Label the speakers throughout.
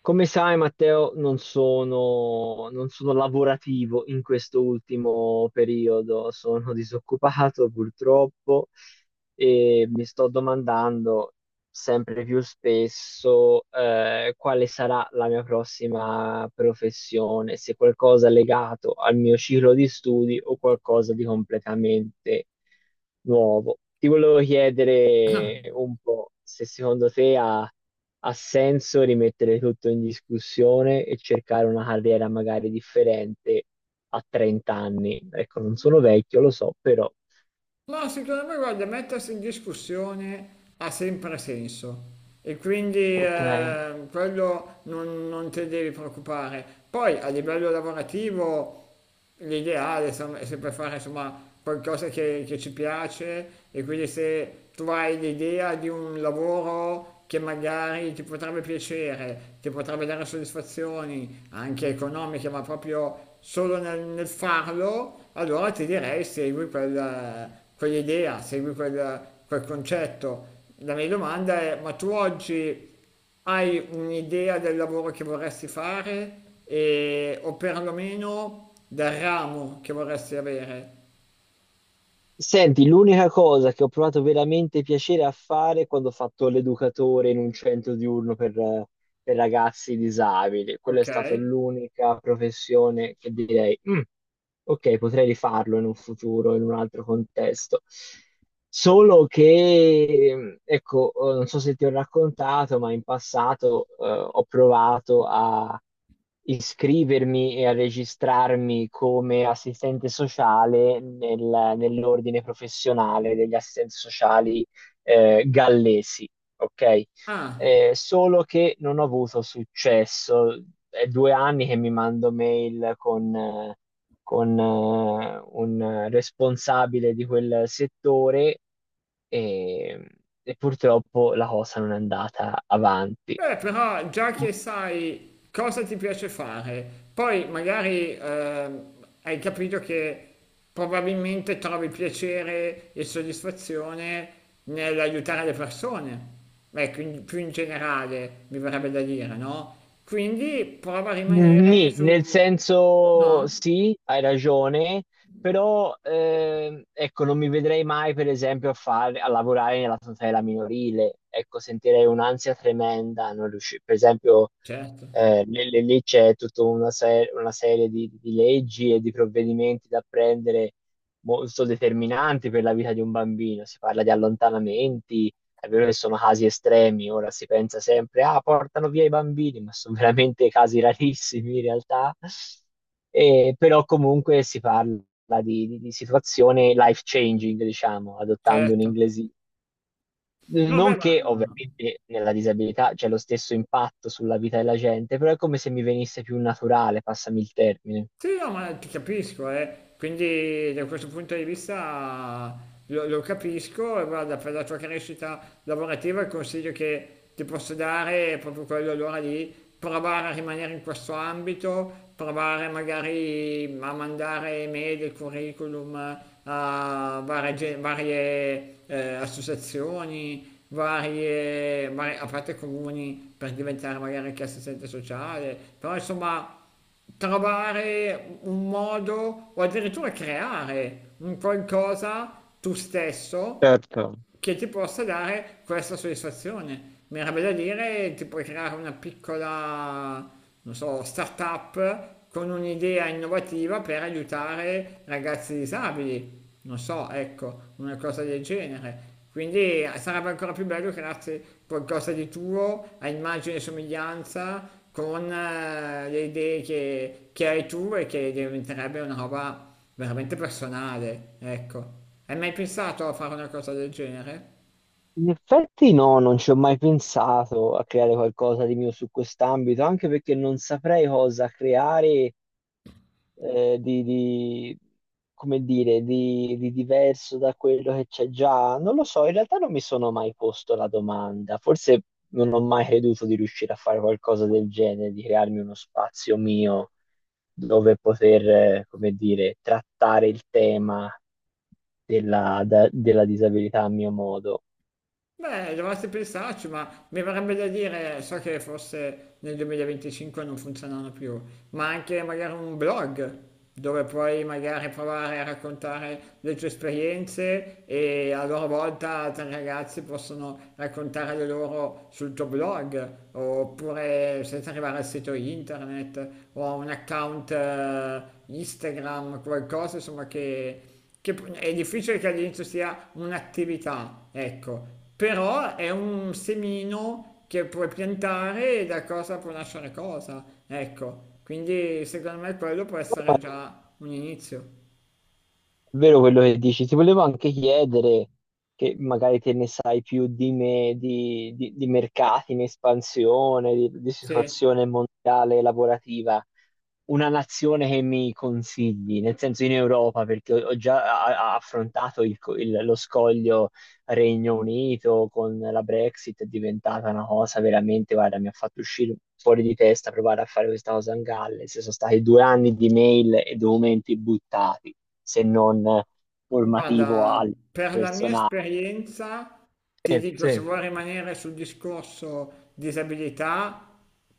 Speaker 1: Come sai, Matteo, non sono lavorativo in questo ultimo periodo, sono disoccupato purtroppo e mi sto domandando sempre più spesso quale sarà la mia prossima professione, se qualcosa legato al mio ciclo di studi o qualcosa di completamente nuovo. Ti volevo chiedere un po' se secondo te ha senso rimettere tutto in discussione e cercare una carriera magari differente a 30 anni. Ecco, non sono vecchio, lo so, però.
Speaker 2: Ma secondo me, guarda, mettersi in discussione ha sempre senso e quindi
Speaker 1: Ok.
Speaker 2: quello non te devi preoccupare. Poi a livello lavorativo l'ideale insomma, è sempre fare insomma, qualcosa che ci piace e quindi se tu hai l'idea di un lavoro che magari ti potrebbe piacere, ti potrebbe dare soddisfazioni anche economiche, ma proprio solo nel farlo, allora ti direi segui quella quell'idea, segui quel concetto. La mia domanda è, ma tu oggi hai un'idea del lavoro che vorresti fare o perlomeno del ramo che vorresti avere?
Speaker 1: Senti, l'unica cosa che ho provato veramente piacere a fare quando ho fatto l'educatore in un centro diurno per ragazzi disabili, quella è
Speaker 2: Ok?
Speaker 1: stata l'unica professione che direi, "Mm, ok, potrei rifarlo in un futuro, in un altro contesto. Solo che, ecco, non so se ti ho raccontato, ma in passato, ho provato a iscrivermi e a registrarmi come assistente sociale nell'ordine professionale degli assistenti sociali, gallesi, ok?
Speaker 2: Ah.
Speaker 1: Solo che non ho avuto successo. È 2 anni che mi mando mail con, un responsabile di quel settore e, e purtroppo la cosa non è andata avanti.
Speaker 2: Beh, però già che sai cosa ti piace fare, poi magari hai capito che probabilmente trovi piacere e soddisfazione nell'aiutare le persone. Beh, quindi più in generale mi verrebbe da dire, no? Quindi prova a rimanere
Speaker 1: Nì, nel
Speaker 2: su.
Speaker 1: senso
Speaker 2: No?
Speaker 1: sì, hai ragione, però ecco, non mi vedrei mai per esempio a, fare, a lavorare nella tutela minorile, ecco, sentirei un'ansia tremenda, non riusci- per esempio
Speaker 2: Certo,
Speaker 1: lì c'è tutta una, se- una serie di leggi e di provvedimenti da prendere molto determinanti per la vita di un bambino, si parla di allontanamenti. È vero che sono casi estremi, ora si pensa sempre, ah, portano via i bambini, ma sono veramente casi rarissimi in realtà. E, però comunque si parla di situazione life changing, diciamo, adottando un
Speaker 2: certo.
Speaker 1: inglese.
Speaker 2: No, beh,
Speaker 1: Non
Speaker 2: ma.
Speaker 1: che ovviamente nella disabilità c'è lo stesso impatto sulla vita della gente, però è come se mi venisse più naturale, passami il termine.
Speaker 2: Sì, no, ma ti capisco, eh. Quindi da questo punto di vista lo capisco e guarda, per la tua crescita lavorativa il consiglio che ti posso dare è proprio quello allora di provare a rimanere in questo ambito, provare magari a mandare email e curriculum a varie, associazioni, a parte comuni per diventare magari anche assistente sociale, però insomma trovare un modo o addirittura creare un qualcosa tu stesso
Speaker 1: Certo.
Speaker 2: che ti possa dare questa soddisfazione. Mi era da dire, ti puoi creare una piccola, non so, startup con un'idea innovativa per aiutare ragazzi disabili. Non so, ecco, una cosa del genere. Quindi sarebbe ancora più bello crearsi qualcosa di tuo, a immagine e somiglianza, con le idee che hai tu e che diventerebbe una roba veramente personale, ecco. Hai mai pensato a fare una cosa del genere?
Speaker 1: In effetti no, non ci ho mai pensato a creare qualcosa di mio su quest'ambito, anche perché non saprei cosa creare eh, di, di- come dire, di diverso da quello che c'è già? Non lo so, in realtà non mi sono mai posto la domanda, forse non ho mai creduto di riuscire a fare qualcosa del genere, di crearmi uno spazio mio dove poter, come dire, trattare il tema della disabilità a mio modo.
Speaker 2: Beh, dovresti pensarci, ma mi verrebbe da dire, so che forse nel 2025 non funzionano più, ma anche magari un blog dove puoi magari provare a raccontare le tue esperienze e a loro volta altri ragazzi possono raccontare le loro sul tuo blog, oppure senza arrivare al sito internet o a un account Instagram, qualcosa insomma che è difficile che all'inizio sia un'attività, ecco, però è un semino che puoi piantare e da cosa può nascere cosa, ecco, quindi secondo me quello può essere già un inizio.
Speaker 1: È vero quello che dici, ti volevo anche chiedere, che magari te ne sai più di me, di mercati in espansione, di
Speaker 2: Sì,
Speaker 1: situazione mondiale lavorativa, una nazione che mi consigli, nel senso in Europa, perché ho già affrontato il lo scoglio Regno Unito con la Brexit, è diventata una cosa veramente, guarda, mi ha fatto uscire fuori di testa provare a fare questa cosa in Galles. Sono stati 2 anni di mail e documenti buttati, se non formativo
Speaker 2: guarda,
Speaker 1: al
Speaker 2: per la mia
Speaker 1: personale.
Speaker 2: esperienza ti
Speaker 1: Sì,
Speaker 2: dico, se
Speaker 1: sì,
Speaker 2: vuoi rimanere sul discorso disabilità,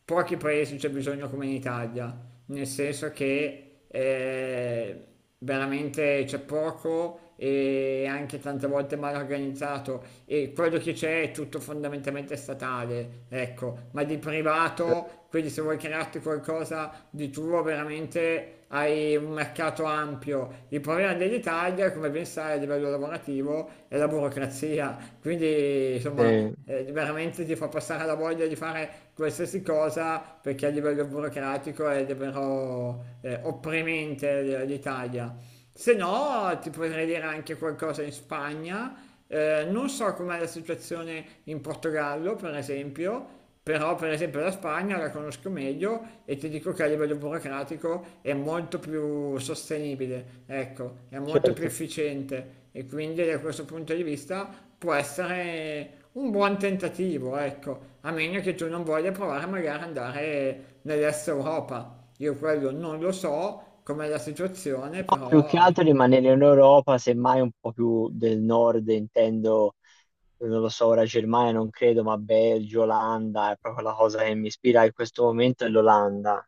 Speaker 2: pochi paesi c'è bisogno come in Italia, nel senso che veramente c'è poco e anche tante volte mal organizzato e quello che c'è è tutto fondamentalmente statale, ecco, ma di privato, quindi se vuoi crearti qualcosa di tuo veramente hai un mercato ampio. Il problema dell'Italia, come ben sai, a livello lavorativo è la burocrazia, quindi
Speaker 1: sì,
Speaker 2: insomma veramente ti fa passare la voglia di fare qualsiasi cosa perché a livello burocratico è davvero opprimente l'Italia. Se no, ti potrei dire anche qualcosa in Spagna. Non so com'è la situazione in Portogallo, per esempio, però per esempio la Spagna la conosco meglio e ti dico che a livello burocratico è molto più sostenibile, ecco, è molto più
Speaker 1: certo.
Speaker 2: efficiente e quindi da questo punto di vista può essere un buon tentativo, ecco, a meno che tu non voglia provare magari ad andare nell'est Europa. Io quello non lo so. Com'è la situazione,
Speaker 1: No, più che
Speaker 2: però
Speaker 1: altro rimanere in Europa, semmai un po' più del nord, intendo non lo so, ora Germania non credo, ma Belgio, Olanda, è proprio la cosa che mi ispira in questo momento è l'Olanda.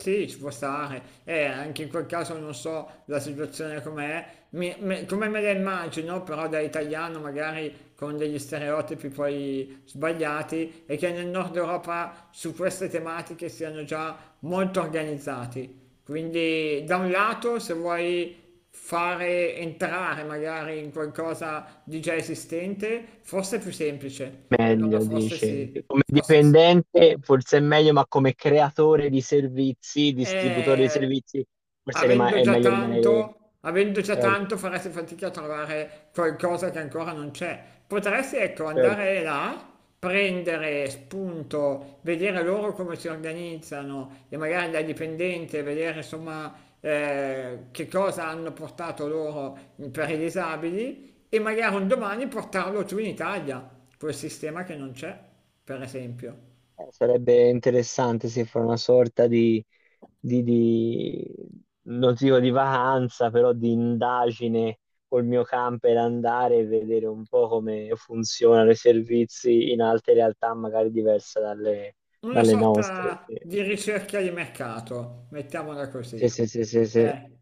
Speaker 2: sì, ci può stare. E anche in quel caso non so la situazione com'è, come me la immagino, però da italiano magari con degli stereotipi poi sbagliati e che nel nord Europa su queste tematiche siano già molto organizzati. Quindi da un lato, se vuoi fare entrare magari in qualcosa di già esistente, forse è più semplice. Allora
Speaker 1: Meglio,
Speaker 2: forse
Speaker 1: dice.
Speaker 2: sì,
Speaker 1: Come
Speaker 2: forse sì.
Speaker 1: dipendente forse è meglio, ma come creatore di servizi, distributore di
Speaker 2: Eh,
Speaker 1: servizi,
Speaker 2: Avendo
Speaker 1: è
Speaker 2: già
Speaker 1: meglio rimanere...
Speaker 2: tanto, avendo già
Speaker 1: Certo,
Speaker 2: tanto faresti fatica a trovare qualcosa che ancora non c'è. Potresti, ecco,
Speaker 1: certo.
Speaker 2: andare là, prendere spunto, vedere loro come si organizzano e magari da dipendente vedere insomma che cosa hanno portato loro per i disabili e magari un domani portarlo giù in Italia, quel sistema che non c'è, per esempio.
Speaker 1: Sarebbe interessante se fa una sorta di, di, di- non dico di vacanza, però di indagine col mio camper, andare e vedere un po' come funzionano i servizi in altre realtà, magari diverse dalle,
Speaker 2: Una
Speaker 1: dalle nostre.
Speaker 2: sorta di ricerca di mercato, mettiamola
Speaker 1: Sì,
Speaker 2: così.
Speaker 1: sì, sì, sì, sì, sì.
Speaker 2: Eh,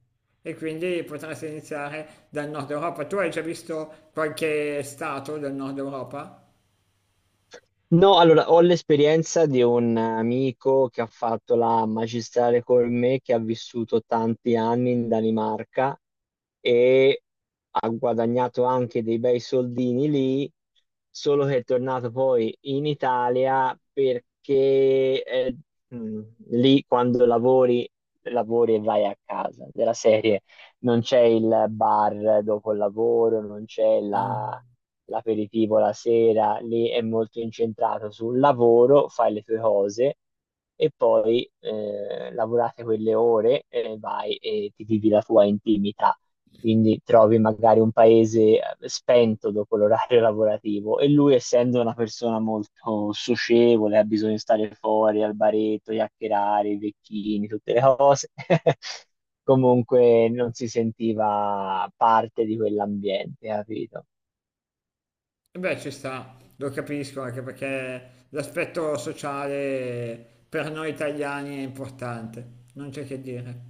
Speaker 2: e quindi potresti iniziare dal nord Europa. Tu hai già visto qualche stato del nord Europa?
Speaker 1: No, allora ho l'esperienza di un amico che ha fatto la magistrale con me, che ha vissuto tanti anni in Danimarca e ha guadagnato anche dei bei soldini lì, solo che è tornato poi in Italia perché mh, lì lavori e vai a casa, della serie non c'è il bar dopo il lavoro, non c'è
Speaker 2: Ah.
Speaker 1: la l'aperitivo la sera, lì è molto incentrato sul lavoro, fai le tue cose e poi lavorate quelle ore e vai e ti vivi la tua intimità. Quindi trovi magari un paese spento dopo l'orario lavorativo e lui, essendo una persona molto socievole, ha bisogno di stare fuori al baretto, chiacchierare, i vecchini, tutte le cose. Comunque non si sentiva parte di quell'ambiente, capito?
Speaker 2: E beh, ci sta, lo capisco anche perché l'aspetto sociale per noi italiani è importante, non c'è che dire.